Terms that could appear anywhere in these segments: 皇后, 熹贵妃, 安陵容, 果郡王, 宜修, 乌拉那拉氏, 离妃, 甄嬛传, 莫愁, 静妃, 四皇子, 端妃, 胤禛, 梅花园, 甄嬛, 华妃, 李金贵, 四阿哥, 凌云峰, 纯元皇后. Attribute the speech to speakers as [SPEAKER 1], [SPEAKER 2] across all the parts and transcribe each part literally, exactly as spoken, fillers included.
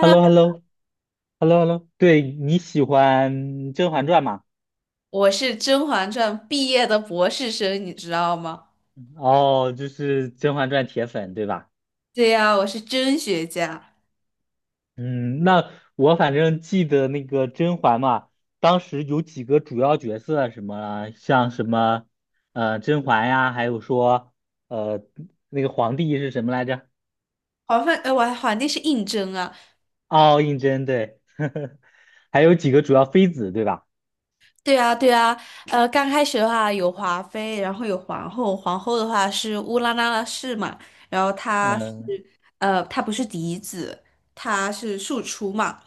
[SPEAKER 1] h e l l o h e l l o h e l l o h e l l o 对，你喜欢《甄嬛传》吗？
[SPEAKER 2] 我是《甄嬛传》毕业的博士生，你知道吗？
[SPEAKER 1] 哦，就是《甄嬛传》铁粉，对吧？
[SPEAKER 2] 对呀，我是甄学家。
[SPEAKER 1] 嗯，那我反正记得那个甄嬛嘛，当时有几个主要角色，什么像什么呃甄嬛呀，还有说呃那个皇帝是什么来着？
[SPEAKER 2] 皇妃，呃，我皇帝是胤禛啊。
[SPEAKER 1] 哦，胤禛，对，还有几个主要妃子，对吧？
[SPEAKER 2] 对啊，对啊。呃，刚开始的话有华妃，然后有皇后，皇后的话是乌拉那拉氏嘛，然后她
[SPEAKER 1] 嗯
[SPEAKER 2] 是，呃，她不是嫡子，她是庶出嘛。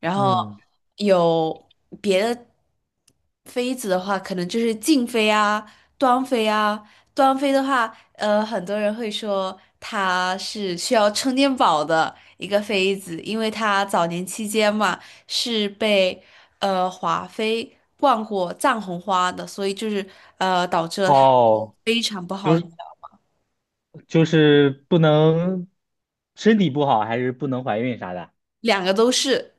[SPEAKER 2] 然后
[SPEAKER 1] 嗯，
[SPEAKER 2] 有别的妃子的话，可能就是静妃啊、端妃啊。端妃的话，呃，很多人会说她是需要充电宝的一个妃子，因为她早年期间嘛是被呃华妃灌过藏红花的，所以就是呃导致了她
[SPEAKER 1] 哦。
[SPEAKER 2] 非常不好，
[SPEAKER 1] 就是。就是不能身体不好，还是不能怀孕啥的。
[SPEAKER 2] 两个都是，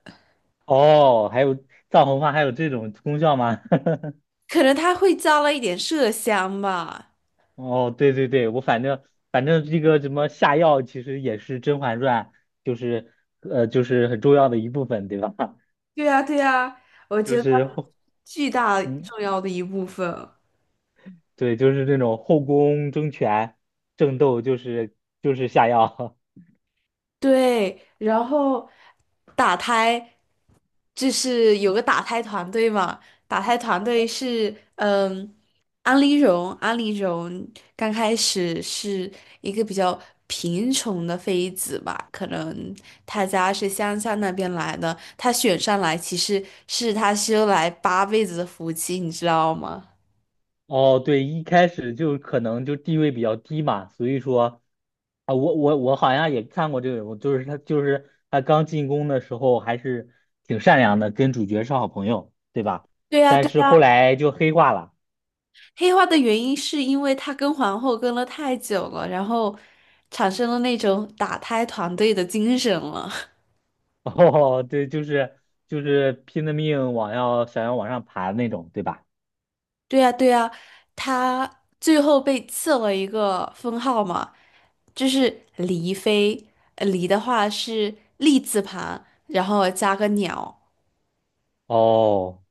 [SPEAKER 1] 哦，还有藏红花还有这种功效吗？
[SPEAKER 2] 可能她会加了一点麝香吧。
[SPEAKER 1] 哦，对对对，我反正反正这个什么下药，其实也是《甄嬛传》，就是呃就是很重要的一部分，对吧？
[SPEAKER 2] 对呀，对呀，我 觉
[SPEAKER 1] 就
[SPEAKER 2] 得
[SPEAKER 1] 是后
[SPEAKER 2] 巨大
[SPEAKER 1] 嗯，
[SPEAKER 2] 重要的一部分。
[SPEAKER 1] 对，就是这种后宫争权争斗，就是就是下药。
[SPEAKER 2] 对，然后打胎就是有个打胎团队嘛，打胎团队是嗯，安陵容，安陵容刚开始是一个比较贫穷的妃子吧，可能她家是乡下那边来的，她选上来其实是她修来八辈子的福气，你知道吗？
[SPEAKER 1] 哦，对，一开始就可能就地位比较低嘛，所以说啊，我我我好像也看过这个人物，就是他就是他刚进宫的时候还是挺善良的，跟主角是好朋友，对吧？
[SPEAKER 2] 对呀，
[SPEAKER 1] 但
[SPEAKER 2] 对
[SPEAKER 1] 是后
[SPEAKER 2] 呀。
[SPEAKER 1] 来就黑化了，
[SPEAKER 2] 黑化的原因是因为他跟皇后跟了太久了，然后产生了那种打胎团队的精神了。
[SPEAKER 1] 哦，对，就是就是拼了命往要想要往上爬的那种，对吧？
[SPEAKER 2] 对呀，对呀，他最后被赐了一个封号嘛，就是离妃。呃离的话是立字旁，然后加个鸟。
[SPEAKER 1] 哦，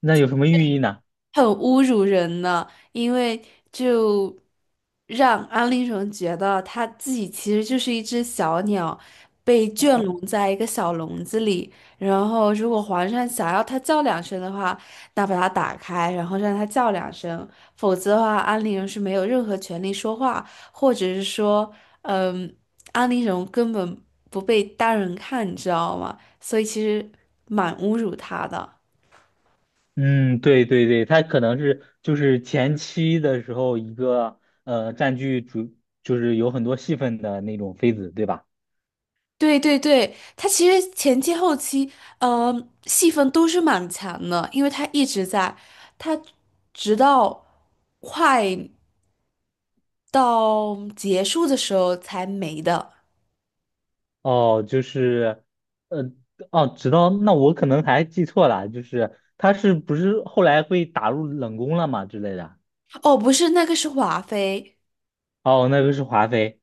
[SPEAKER 1] 那有什么寓意呢？
[SPEAKER 2] 很侮辱人呢，因为就让安陵容觉得她自己其实就是一只小鸟，被圈笼在一个小笼子里。然后，如果皇上想要她叫两声的话，那把它打开，然后让它叫两声；否则的话，安陵容是没有任何权利说话，或者是说，嗯，安陵容根本不被当人看，你知道吗？所以其实蛮侮辱她的。
[SPEAKER 1] 嗯，对对对，他可能是就是前期的时候一个呃占据主，就是有很多戏份的那种妃子，对吧？
[SPEAKER 2] 对对对，他其实前期后期，呃，戏份都是蛮强的，因为他一直在，他直到快到结束的时候才没的。
[SPEAKER 1] 哦，就是呃哦，知道，那我可能还记错了，就是他是不是后来被打入冷宫了嘛之类的？
[SPEAKER 2] 哦，不是，那个是华妃。
[SPEAKER 1] 哦，那个是华妃。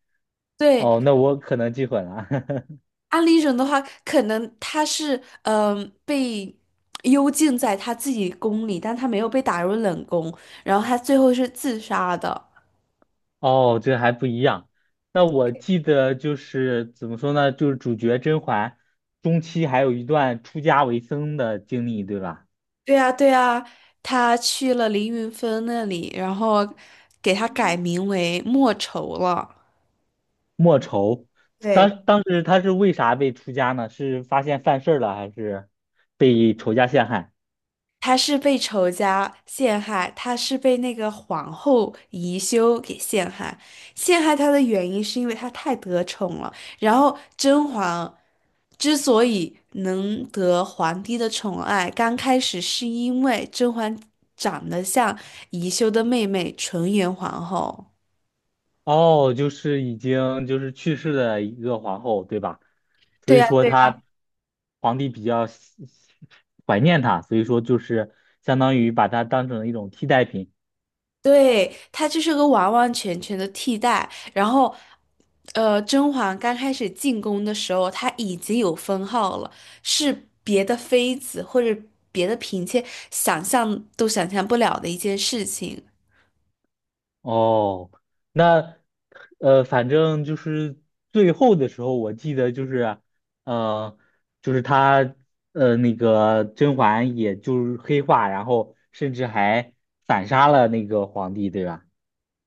[SPEAKER 2] 对，
[SPEAKER 1] 哦，那我可能记混了。
[SPEAKER 2] 安陵容的话，可能她是嗯、呃被幽禁在她自己宫里，但她没有被打入冷宫，然后她最后是自杀的。
[SPEAKER 1] 哦，这还不一样。那我记得就是怎么说呢，就是主角甄嬛中期还有一段出家为僧的经历，对吧？
[SPEAKER 2] 对呀，对呀，他去了凌云峰那里，然后给他改名为莫愁了。
[SPEAKER 1] 莫愁，
[SPEAKER 2] 对，
[SPEAKER 1] 当当时他是为啥被出家呢？是发现犯事儿了，还是被仇家陷害？
[SPEAKER 2] 他是被仇家陷害，他是被那个皇后宜修给陷害。陷害他的原因是因为他太得宠了。然后甄嬛之所以能得皇帝的宠爱，刚开始是因为甄嬛长得像宜修的妹妹纯元皇后。
[SPEAKER 1] 哦，就是已经就是去世的一个皇后，对吧？所
[SPEAKER 2] 对
[SPEAKER 1] 以
[SPEAKER 2] 呀。
[SPEAKER 1] 说他皇帝比较喜喜怀念她，所以说就是相当于把她当成一种替代品。
[SPEAKER 2] 对，他就是个完完全全的替代。然后，呃，甄嬛刚开始进宫的时候，她已经有封号了，是别的妃子或者别的嫔妾想象都想象不了的一件事情。
[SPEAKER 1] 哦，那呃，反正就是最后的时候，我记得就是，呃，就是他呃那个甄嬛，也就是黑化，然后甚至还反杀了那个皇帝，对吧？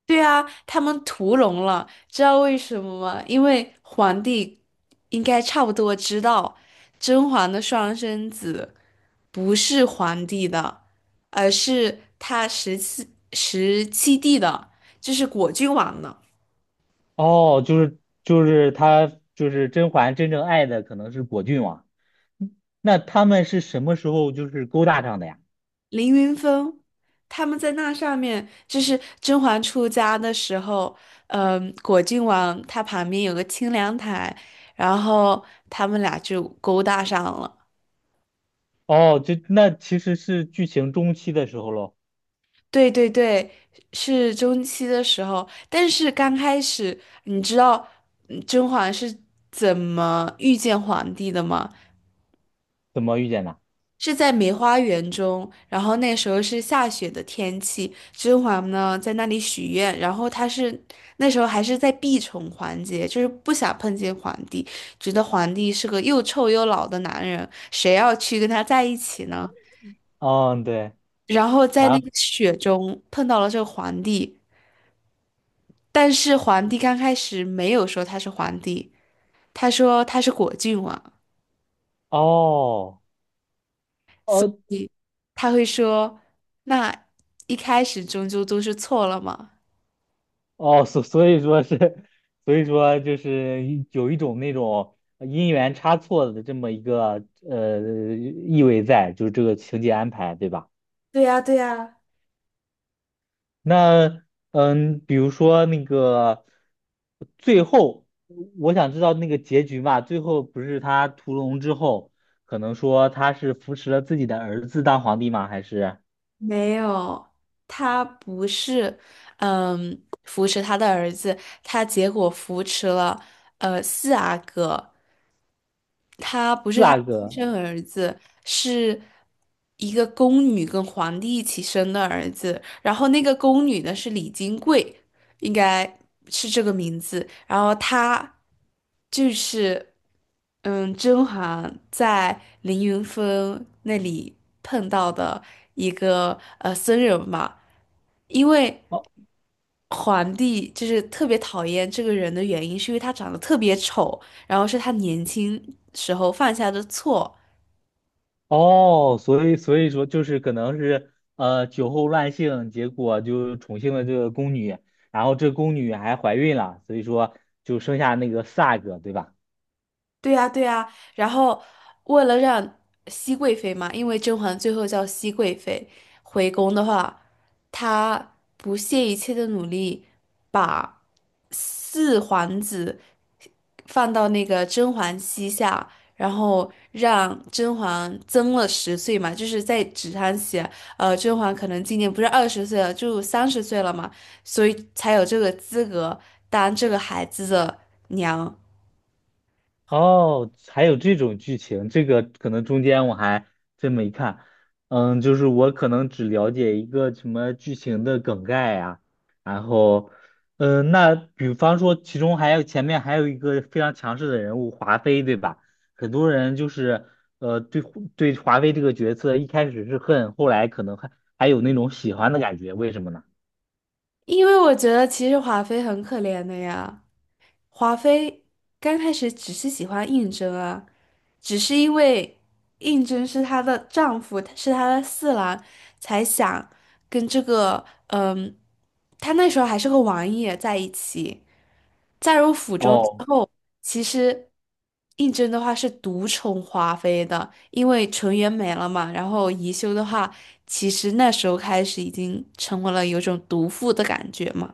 [SPEAKER 2] 对啊，他们屠龙了，知道为什么吗？因为皇帝应该差不多知道甄嬛的双生子。不是皇帝的，而是他十七十七弟的，就是果郡王的
[SPEAKER 1] 哦，就是就是他就是甄嬛真正爱的可能是果郡王，嗯，那他们是什么时候就是勾搭上的呀？
[SPEAKER 2] 凌云峰。他们在那上面，就是甄嬛出家的时候，嗯，果郡王他旁边有个清凉台，然后他们俩就勾搭上了。
[SPEAKER 1] 哦，就那其实是剧情中期的时候喽，
[SPEAKER 2] 对对对，是中期的时候，但是刚开始，你知道嗯甄嬛是怎么遇见皇帝的吗？
[SPEAKER 1] 怎么遇见的？
[SPEAKER 2] 是在梅花园中，然后那时候是下雪的天气，甄嬛呢在那里许愿，然后她是那时候还是在避宠环节，就是不想碰见皇帝，觉得皇帝是个又臭又老的男人，谁要去跟他在一起呢？
[SPEAKER 1] 嗯、对，
[SPEAKER 2] 然后在那
[SPEAKER 1] 啊，
[SPEAKER 2] 个雪中碰到了这个皇帝，但是皇帝刚开始没有说他是皇帝，他说他是果郡王，
[SPEAKER 1] 哦。哦
[SPEAKER 2] 他会说，那一开始终究都是错了嘛。
[SPEAKER 1] 哦，所所以说是，所以说就是一有一种那种因缘差错的这么一个呃意味在，就是这个情节安排，对吧？
[SPEAKER 2] 对呀，对呀。
[SPEAKER 1] 那嗯，比如说那个最后，我想知道那个结局嘛，最后不是他屠龙之后，可能说他是扶持了自己的儿子当皇帝吗？还是
[SPEAKER 2] 没有，他不是，嗯，扶持他的儿子，他结果扶持了呃四阿哥，他不是
[SPEAKER 1] 四
[SPEAKER 2] 他
[SPEAKER 1] 阿
[SPEAKER 2] 亲
[SPEAKER 1] 哥？
[SPEAKER 2] 生儿子，是一个宫女跟皇帝一起生的儿子。然后那个宫女呢是李金贵，应该是这个名字。然后他就是，嗯，甄嬛在凌云峰那里碰到的一个呃僧人嘛，因为皇帝就是特别讨厌这个人的原因，是因为他长得特别丑，然后是他年轻时候犯下的错。
[SPEAKER 1] 哦，所以所以说就是可能是呃酒后乱性，结果就宠幸了这个宫女，然后这宫女还怀孕了，所以说就生下那个 Sag，对吧？
[SPEAKER 2] 对呀，对呀。然后为了让熹贵妃嘛，因为甄嬛最后叫熹贵妃回宫的话，她不懈一切的努力把四皇子。放到那个甄嬛膝下，然后让甄嬛增了十岁嘛，就是在纸上写，呃，甄嬛可能今年不是二十岁了，就三十岁了嘛，所以才有这个资格当这个孩子的娘。
[SPEAKER 1] 哦，还有这种剧情，这个可能中间我还真没看。嗯，就是我可能只了解一个什么剧情的梗概呀、然后，嗯，那比方说，其中还有前面还有一个非常强势的人物华妃，对吧？很多人就是呃对对华妃这个角色一开始是恨，后来可能还还有那种喜欢的感觉，为什么呢？
[SPEAKER 2] 因为我觉得其实华妃很可怜的呀。华妃刚开始只是喜欢胤禛啊，只是因为胤禛是她的丈夫，是她的四郎，才想跟这个嗯，她那时候还是个王爷在一起。嫁入府中之
[SPEAKER 1] 哦。
[SPEAKER 2] 后，其实胤禛的话是独宠华妃的，因为纯元没了嘛。然后宜修的话，其实那时候开始已经成为了有种毒妇的感觉嘛。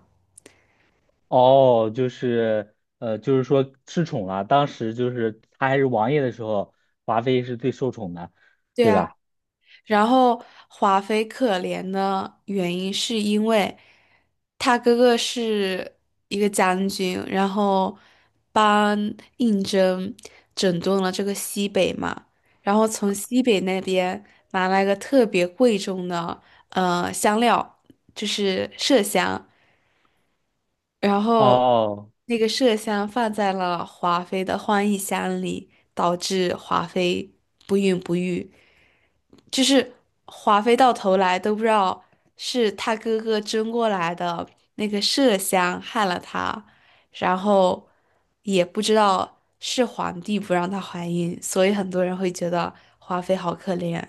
[SPEAKER 1] 哦，就是呃，就是说失宠了。当时就是他还是王爷的时候，华妃是最受宠的，
[SPEAKER 2] 对
[SPEAKER 1] 对
[SPEAKER 2] 啊。
[SPEAKER 1] 吧？
[SPEAKER 2] 然后华妃可怜的原因是因为她哥哥是一个将军，然后帮胤禛整顿了这个西北嘛，然后从西北那边拿来个特别贵重的呃香料，就是麝香，然后
[SPEAKER 1] 哦
[SPEAKER 2] 那个麝香放在了华妃的欢宜箱里，导致华妃不孕不育。就是华妃到头来都不知道是他哥哥争过来的那个麝香害了她，然后也不知道是皇帝不让她怀孕，所以很多人会觉得华妃好可怜。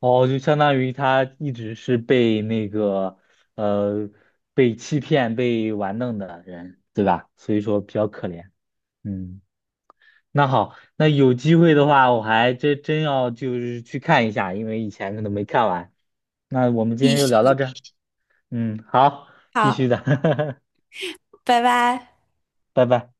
[SPEAKER 1] 哦，就相当于他一直是被那个呃被欺骗、被玩弄的人，对吧？所以说比较可怜。嗯，那好，那有机会的话，我还真真要就是去看一下，因为以前可能没看完。那我们今
[SPEAKER 2] 必
[SPEAKER 1] 天就聊到
[SPEAKER 2] 须
[SPEAKER 1] 这儿嗯，好，必
[SPEAKER 2] 好，
[SPEAKER 1] 须的，
[SPEAKER 2] 拜拜。
[SPEAKER 1] 拜拜。